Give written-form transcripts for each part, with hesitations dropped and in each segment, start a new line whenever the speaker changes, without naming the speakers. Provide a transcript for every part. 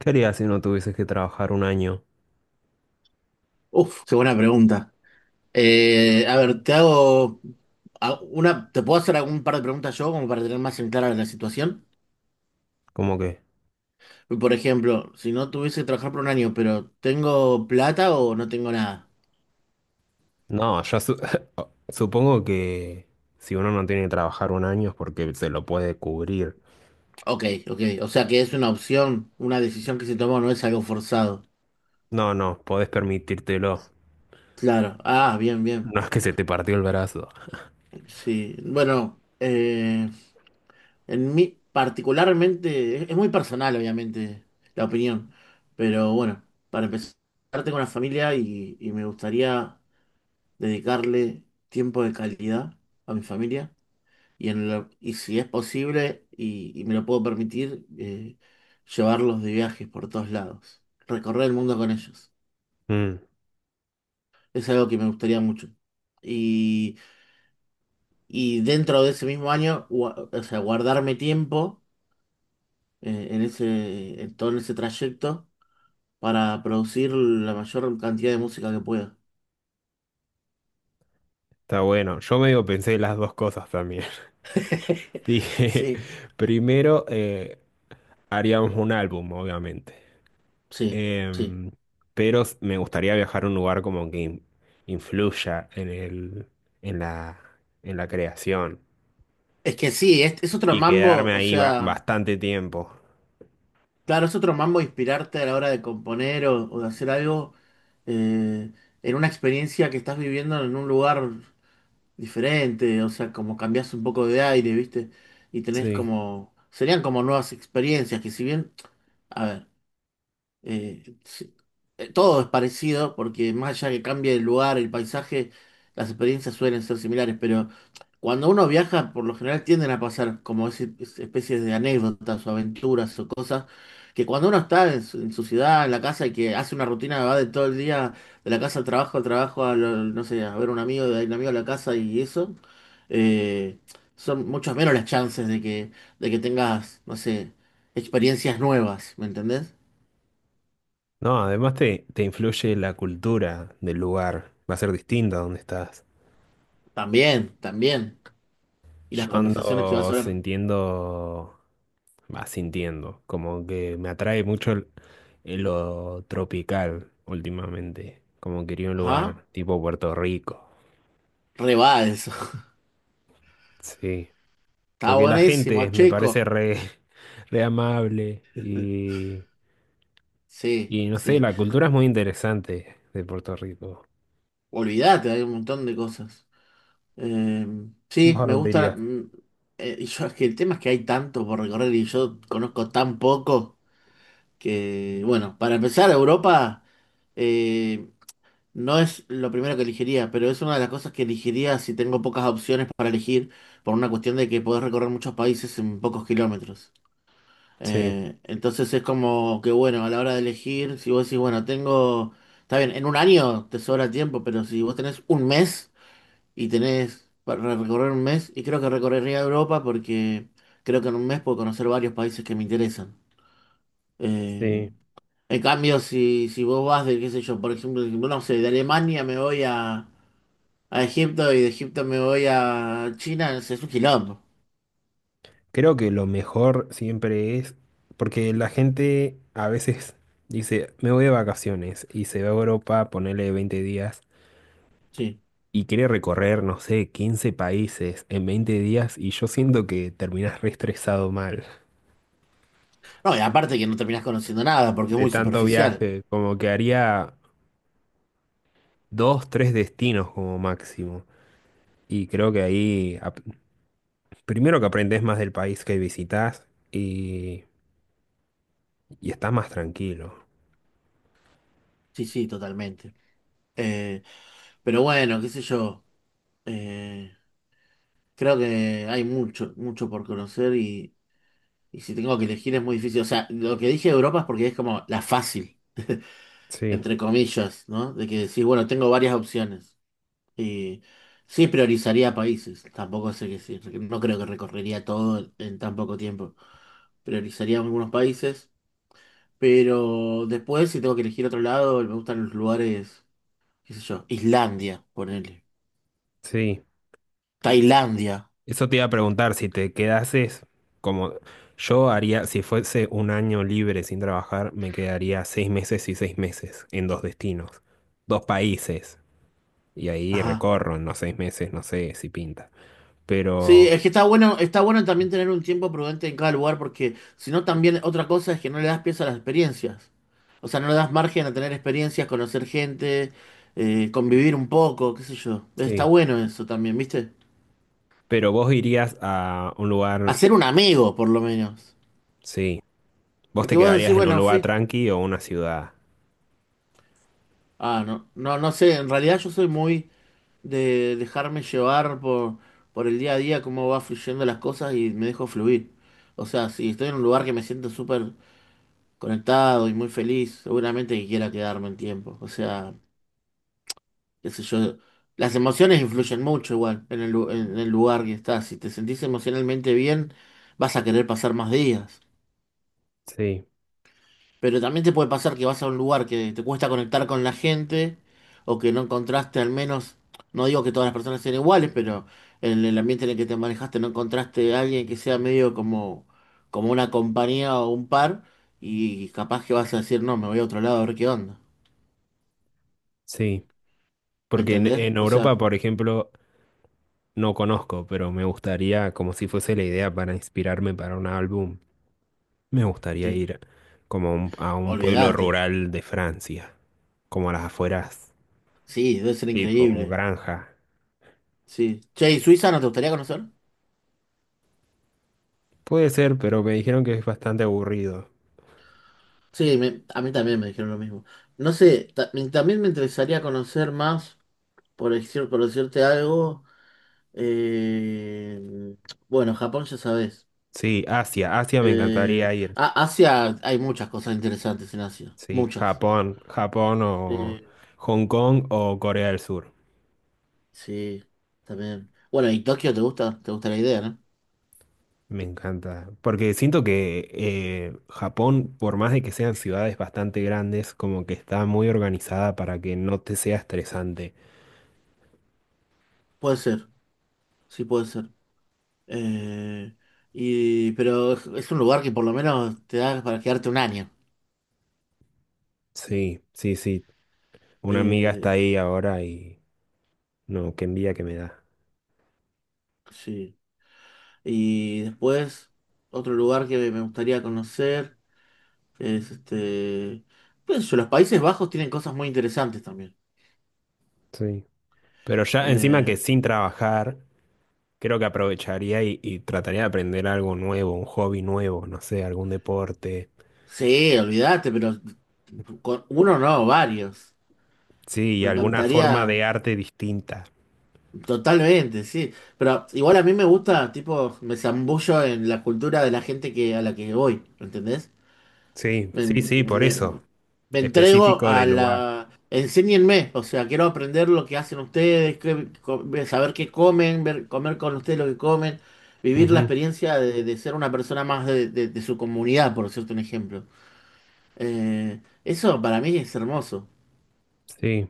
¿Qué harías si no tuvieses que trabajar un año?
Uf, qué buena pregunta. A ver, te hago una, te puedo hacer algún par de preguntas yo como para tener más en clara la situación.
¿Cómo que?
Por ejemplo, si no tuviese que trabajar por un año, pero tengo plata o no tengo nada.
No, ya supongo que si uno no tiene que trabajar un año es porque se lo puede cubrir.
Ok, ok. O sea que es una opción, una decisión que se toma, no es algo forzado.
No, no, podés permitírtelo.
Claro. Ah, bien, bien.
No es que se te partió el brazo.
Sí. Bueno. En mí, particularmente, es muy personal, obviamente, la opinión. Pero bueno, para empezar, tengo una familia y me gustaría dedicarle tiempo de calidad a mi familia. Y si es posible y me lo puedo permitir, llevarlos de viajes por todos lados. Recorrer el mundo con ellos.
Mm,
Es algo que me gustaría mucho. Y, y dentro de ese mismo año, o sea, guardarme tiempo en ese, en todo ese trayecto para producir la mayor cantidad de música que pueda.
está bueno. Yo medio pensé las dos cosas también. Dije,
Sí,
primero haríamos un álbum, obviamente.
Sí, sí.
Em, pero me gustaría viajar a un lugar como que influya en la, en la creación.
Es que sí, es otro
Y
mambo,
quedarme
o
ahí
sea,
bastante tiempo.
claro, es otro mambo inspirarte a la hora de componer o de hacer algo eh, en una experiencia que estás viviendo en un lugar diferente, o sea, como cambias un poco de aire, ¿viste? Y tenés
Sí.
como, serían como nuevas experiencias, que si bien, a ver. Sí, todo es parecido porque más allá que cambie el lugar, el paisaje, las experiencias suelen ser similares, pero cuando uno viaja, por lo general tienden a pasar como especies de anécdotas o aventuras o cosas que cuando uno está en su ciudad, en la casa y que hace una rutina, va de todo el día de la casa al trabajo, no sé, a ver un amigo, de ahí un amigo a la casa y eso, eh, son muchas menos las chances de que tengas, no sé, experiencias nuevas, ¿me entendés?
No, además te influye la cultura del lugar. Va a ser distinta donde estás.
También, también. Y las
Yo
conversaciones que vas
ando
a ver.
sintiendo, va sintiendo, como que me atrae mucho el lo tropical últimamente. Como quería un
Ajá,
lugar tipo Puerto Rico.
re va eso.
Sí.
Está
Porque la
buenísimo,
gente me parece
chico.
re, re amable
Sí,
y no sé,
sí.
la cultura es muy interesante de Puerto Rico.
Olvídate, hay un montón de cosas. Eh,
¿Vos
sí,
a
me
dónde
gusta.
irías?
Y yo, es que el tema es que hay tanto por recorrer y yo conozco tan poco que, bueno, para empezar, Europa eh, no es lo primero que elegiría, pero es una de las cosas que elegiría si tengo pocas opciones para elegir, por una cuestión de que podés recorrer muchos países en pocos kilómetros.
Sí,
Entonces es como que bueno, a la hora de elegir, si vos decís, bueno, tengo, está bien, en un año te sobra tiempo, pero si vos tenés un mes y tenés para recorrer un mes, y creo que recorrería Europa porque creo que en un mes puedo conocer varios países que me interesan. Eh,
sí.
en cambio, si vos vas de, qué sé yo, por ejemplo, no sé, de Alemania me voy a Egipto y de Egipto me voy a China, es un quilombo.
Creo que lo mejor siempre es, porque la gente a veces dice, me voy de vacaciones y se va a Europa, ponele 20 días,
Sí.
y quiere recorrer, no sé, 15 países en 20 días, y yo siento que terminas re estresado mal
No, y aparte que no terminás conociendo nada porque es
de
muy
tanto
superficial.
viaje, como que haría dos, tres destinos como máximo. Y creo que ahí, primero que aprendes más del país que visitas y estás más tranquilo.
Sí, sí, totalmente. Eh, pero bueno, qué sé yo. eh, creo que hay mucho, mucho por conocer y si tengo que elegir es muy difícil. O sea, lo que dije de Europa es porque es como la fácil,
Sí,
entre comillas, ¿no? De que decís, bueno, tengo varias opciones. Y sí priorizaría países. Tampoco sé que sí, no creo que recorrería todo en tan poco tiempo. Priorizaría algunos países. Pero después, si tengo que elegir otro lado, me gustan los lugares, qué sé yo, Islandia, ponele.
sí.
Tailandia.
Eso te iba a preguntar, si te quedases como yo haría, si fuese un año libre sin trabajar, me quedaría 6 meses y 6 meses en dos destinos, dos países, y ahí
Ajá.
recorro en los 6 meses, no sé si pinta.
Sí,
Pero,
es que está bueno también tener un tiempo prudente en cada lugar, porque si no también otra cosa es que no le das pies a las experiencias. O sea, no le das margen a tener experiencias, conocer gente, convivir un poco, qué sé yo. Está
sí,
bueno eso también, ¿viste?
pero vos irías a un lugar,
Hacer un amigo, por lo menos.
sí, vos
Porque
te
vos decís,
quedarías en un
bueno,
lugar
fui.
tranqui o una ciudad.
Ah, no, no, no sé, en realidad yo soy muy de dejarme llevar por el día a día, cómo va fluyendo las cosas y me dejo fluir. O sea, si estoy en un lugar que me siento súper conectado y muy feliz, seguramente que quiera quedarme un tiempo. O sea, qué sé yo, las emociones influyen mucho igual en el lugar que estás. Si te sentís emocionalmente bien, vas a querer pasar más días.
Sí,
Pero también te puede pasar que vas a un lugar que te cuesta conectar con la gente o que no encontraste al menos, no digo que todas las personas sean iguales, pero en el ambiente en el que te manejaste no encontraste a alguien que sea medio como una compañía o un par y capaz que vas a decir, no, me voy a otro lado a ver qué onda.
sí,
¿Me
porque en,
entendés?
en
O sea,
Europa, por ejemplo, no conozco, pero me gustaría como si fuese la idea para inspirarme para un álbum. Me gustaría
sí,
ir como a un pueblo
olvídate.
rural de Francia, como a las afueras,
Sí, debe ser
tipo
increíble.
granja.
Sí. Che, ¿y Suiza no te gustaría conocer?
Puede ser, pero me dijeron que es bastante aburrido.
Sí, a mí también me dijeron lo mismo. No sé, también me interesaría conocer más, por decirte algo. eh, bueno, Japón ya sabes.
Sí, Asia, Asia me encantaría ir.
Asia, hay muchas cosas interesantes en Asia.
Sí,
Muchas.
Japón, Japón o
Eh,
Hong Kong o Corea del Sur.
sí, también. Bueno, ¿y Tokio te gusta? ¿Te gusta la idea, no?
Me encanta, porque siento que Japón, por más de que sean ciudades bastante grandes, como que está muy organizada para que no te sea estresante.
Puede ser, sí puede ser. Eh, pero es un lugar que por lo menos te da para quedarte un año.
Sí, sí, sí. Una amiga está
Eh,
ahí ahora y... No, qué envidia que me da.
sí. Y después, otro lugar que me gustaría conocer es este. Qué sé yo, los Países Bajos tienen cosas muy interesantes también.
Sí. Pero ya encima que
Eh,
sin trabajar, creo que aprovecharía y trataría de aprender algo nuevo, un hobby nuevo, no sé, algún deporte.
sí, olvídate, pero con uno no, varios.
Sí, y
Me
alguna forma
encantaría.
de arte distinta.
Totalmente, sí. Pero igual a mí me gusta, tipo, me zambullo en la cultura de la gente que, a la que voy, ¿entendés?
Sí, sí,
Me,
sí, por
me-
eso.
me entrego
Específico
a
del lugar.
la... Enséñenme, o sea, quiero aprender lo que hacen ustedes, saber qué comen, ver, comer con ustedes lo que comen, vivir la
Ujú.
experiencia de ser una persona más de su comunidad, por decirte un ejemplo. Eso para mí es hermoso.
Sí,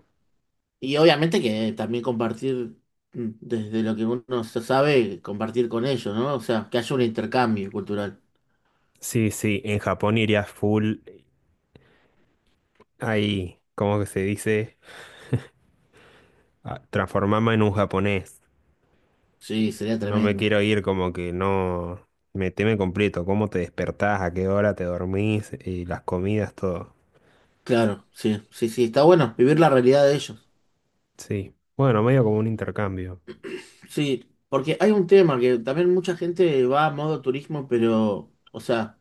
Y obviamente que también compartir desde lo que uno se sabe, compartir con ellos, ¿no? O sea, que haya un intercambio cultural.
sí, sí. En Japón iría full ahí, ¿cómo que se dice? Transformarme en un japonés.
Sí, sería
No me
tremendo.
quiero ir, como que no me teme completo. ¿Cómo te despertás? ¿A qué hora te dormís? Y las comidas, todo.
Claro, sí, sí, sí, está bueno vivir la realidad de ellos.
Sí. Bueno, medio como un intercambio.
Sí, porque hay un tema que también mucha gente va a modo turismo, pero, o sea,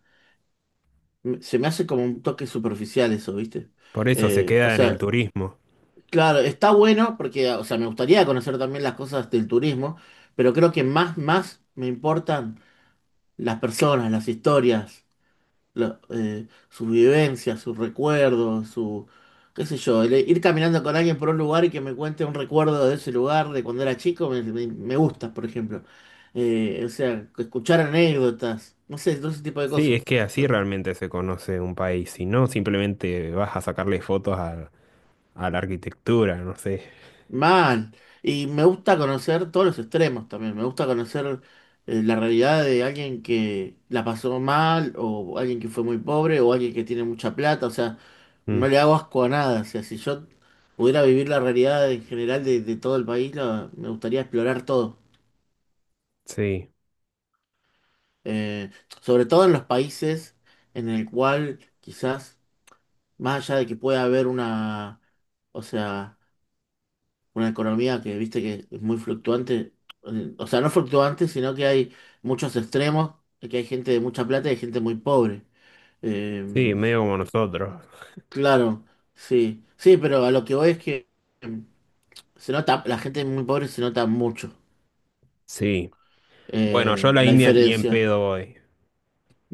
se me hace como un toque superficial eso, ¿viste?
Por eso se
O
queda en el
sea,
turismo.
claro, está bueno porque, o sea, me gustaría conocer también las cosas del turismo, pero creo que más, más me importan las personas, las historias, sus vivencias, sus recuerdos, su, qué sé yo, el ir caminando con alguien por un lugar y que me cuente un recuerdo de ese lugar, de cuando era chico, me gusta, por ejemplo. O sea, escuchar anécdotas, no sé, todo ese tipo de
Sí,
cosas.
es que así realmente se conoce un país. Si no, simplemente vas a sacarle fotos a la arquitectura, no sé.
Man, y me gusta conocer todos los extremos también, me gusta conocer la realidad de alguien que la pasó mal, o alguien que fue muy pobre, o alguien que tiene mucha plata, o sea,
Mm,
no le hago asco a nada, o sea, si yo pudiera vivir la realidad en general de todo el país, me gustaría explorar todo.
sí,
Eh, sobre todo en los países en el cual quizás, más allá de que pueda haber una, o sea una economía que viste que es muy fluctuante, o sea, no fluctuante, sino que hay muchos extremos, que hay gente de mucha plata y hay gente muy pobre.
sí,
Eh,
medio como nosotros.
claro, sí, sí, pero a lo que voy es que eh, se nota, la gente muy pobre se nota mucho
Sí. Bueno, yo a la
la
India ni en
diferencia.
pedo voy.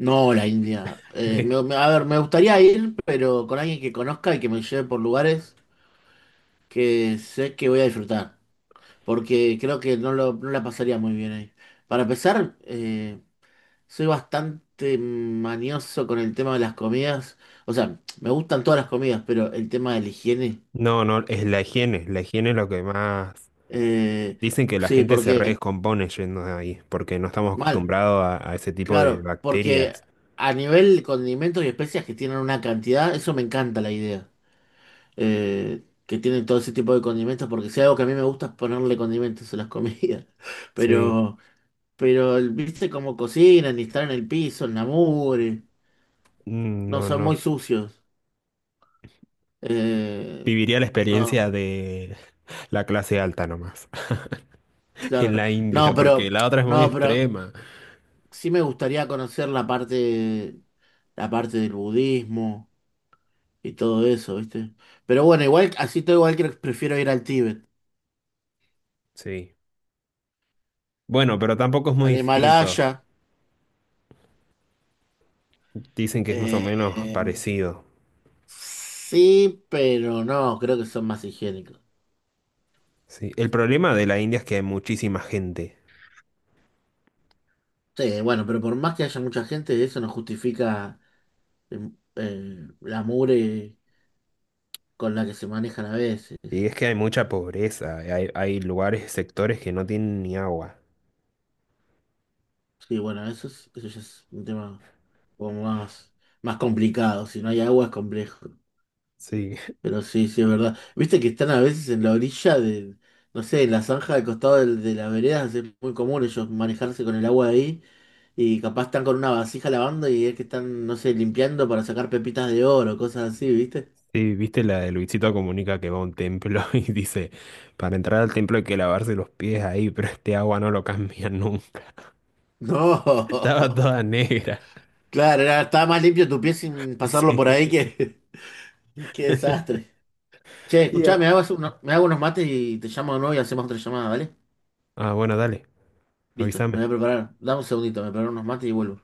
No, la India. Eh, me- me- a ver, me gustaría ir, pero con alguien que conozca y que me lleve por lugares que sé que voy a disfrutar, porque creo que no, no la pasaría muy bien ahí. Para empezar, soy bastante manioso con el tema de las comidas. O sea, me gustan todas las comidas, pero el tema de la higiene.
No, no, es la higiene. La higiene es lo que más.
eh,
Dicen que la
sí,
gente se
porque.
redescompone yendo de ahí, porque no estamos
Mal,
acostumbrados a ese tipo de
claro. Porque
bacterias.
a nivel condimentos y especias que tienen una cantidad, eso me encanta la idea. Que tienen todo ese tipo de condimentos, porque si hay algo que a mí me gusta es ponerle condimentos a las comidas.
Sí.
Pero, pero viste cómo cocinan y están en el piso, en la mugre.
Mm,
No
no,
son
no.
muy sucios. Eh,
Viviría la
no.
experiencia de la clase alta nomás, en
Claro.
la India,
No,
porque
pero,
la otra es muy
no, pero
extrema.
sí me gustaría conocer la parte del budismo y todo eso, ¿viste? Pero bueno, igual, así todo igual que prefiero ir al Tíbet,
Sí. Bueno, pero tampoco es muy
al
distinto.
Himalaya.
Dicen que es más o
eh,
menos
eh,
parecido.
sí, pero no, creo que son más higiénicos.
Sí. El problema de la India es que hay muchísima gente.
Sí, bueno, pero por más que haya mucha gente, eso no justifica eh, la mugre con la que se manejan a veces.
Y es que hay mucha pobreza. Hay lugares, sectores que no tienen ni agua.
Sí, bueno, eso ya es un tema, como más, más complicado. Si no hay agua es complejo.
Sí.
Pero sí, sí, es verdad. Viste que están a veces en la orilla de, no sé, en la zanja del costado de, las veredas, es muy común ellos manejarse con el agua ahí y capaz están con una vasija lavando y es que están, no sé, limpiando para sacar pepitas de oro, cosas así, ¿viste?
Sí, viste la de Luisito Comunica que va a un templo y dice, para entrar al templo hay que lavarse los pies ahí, pero este agua no lo cambia nunca.
No,
Estaba toda negra.
claro, estaba más limpio tu pie sin pasarlo por ahí
Sí.
que, qué desastre. Che, escuchá,
Ya.
me hago unos mates y te llamo de nuevo y hacemos otra llamada, ¿vale?
Ah, bueno, dale,
Listo, me voy a
avísame.
preparar. Dame un segundito, me preparo unos mates y vuelvo.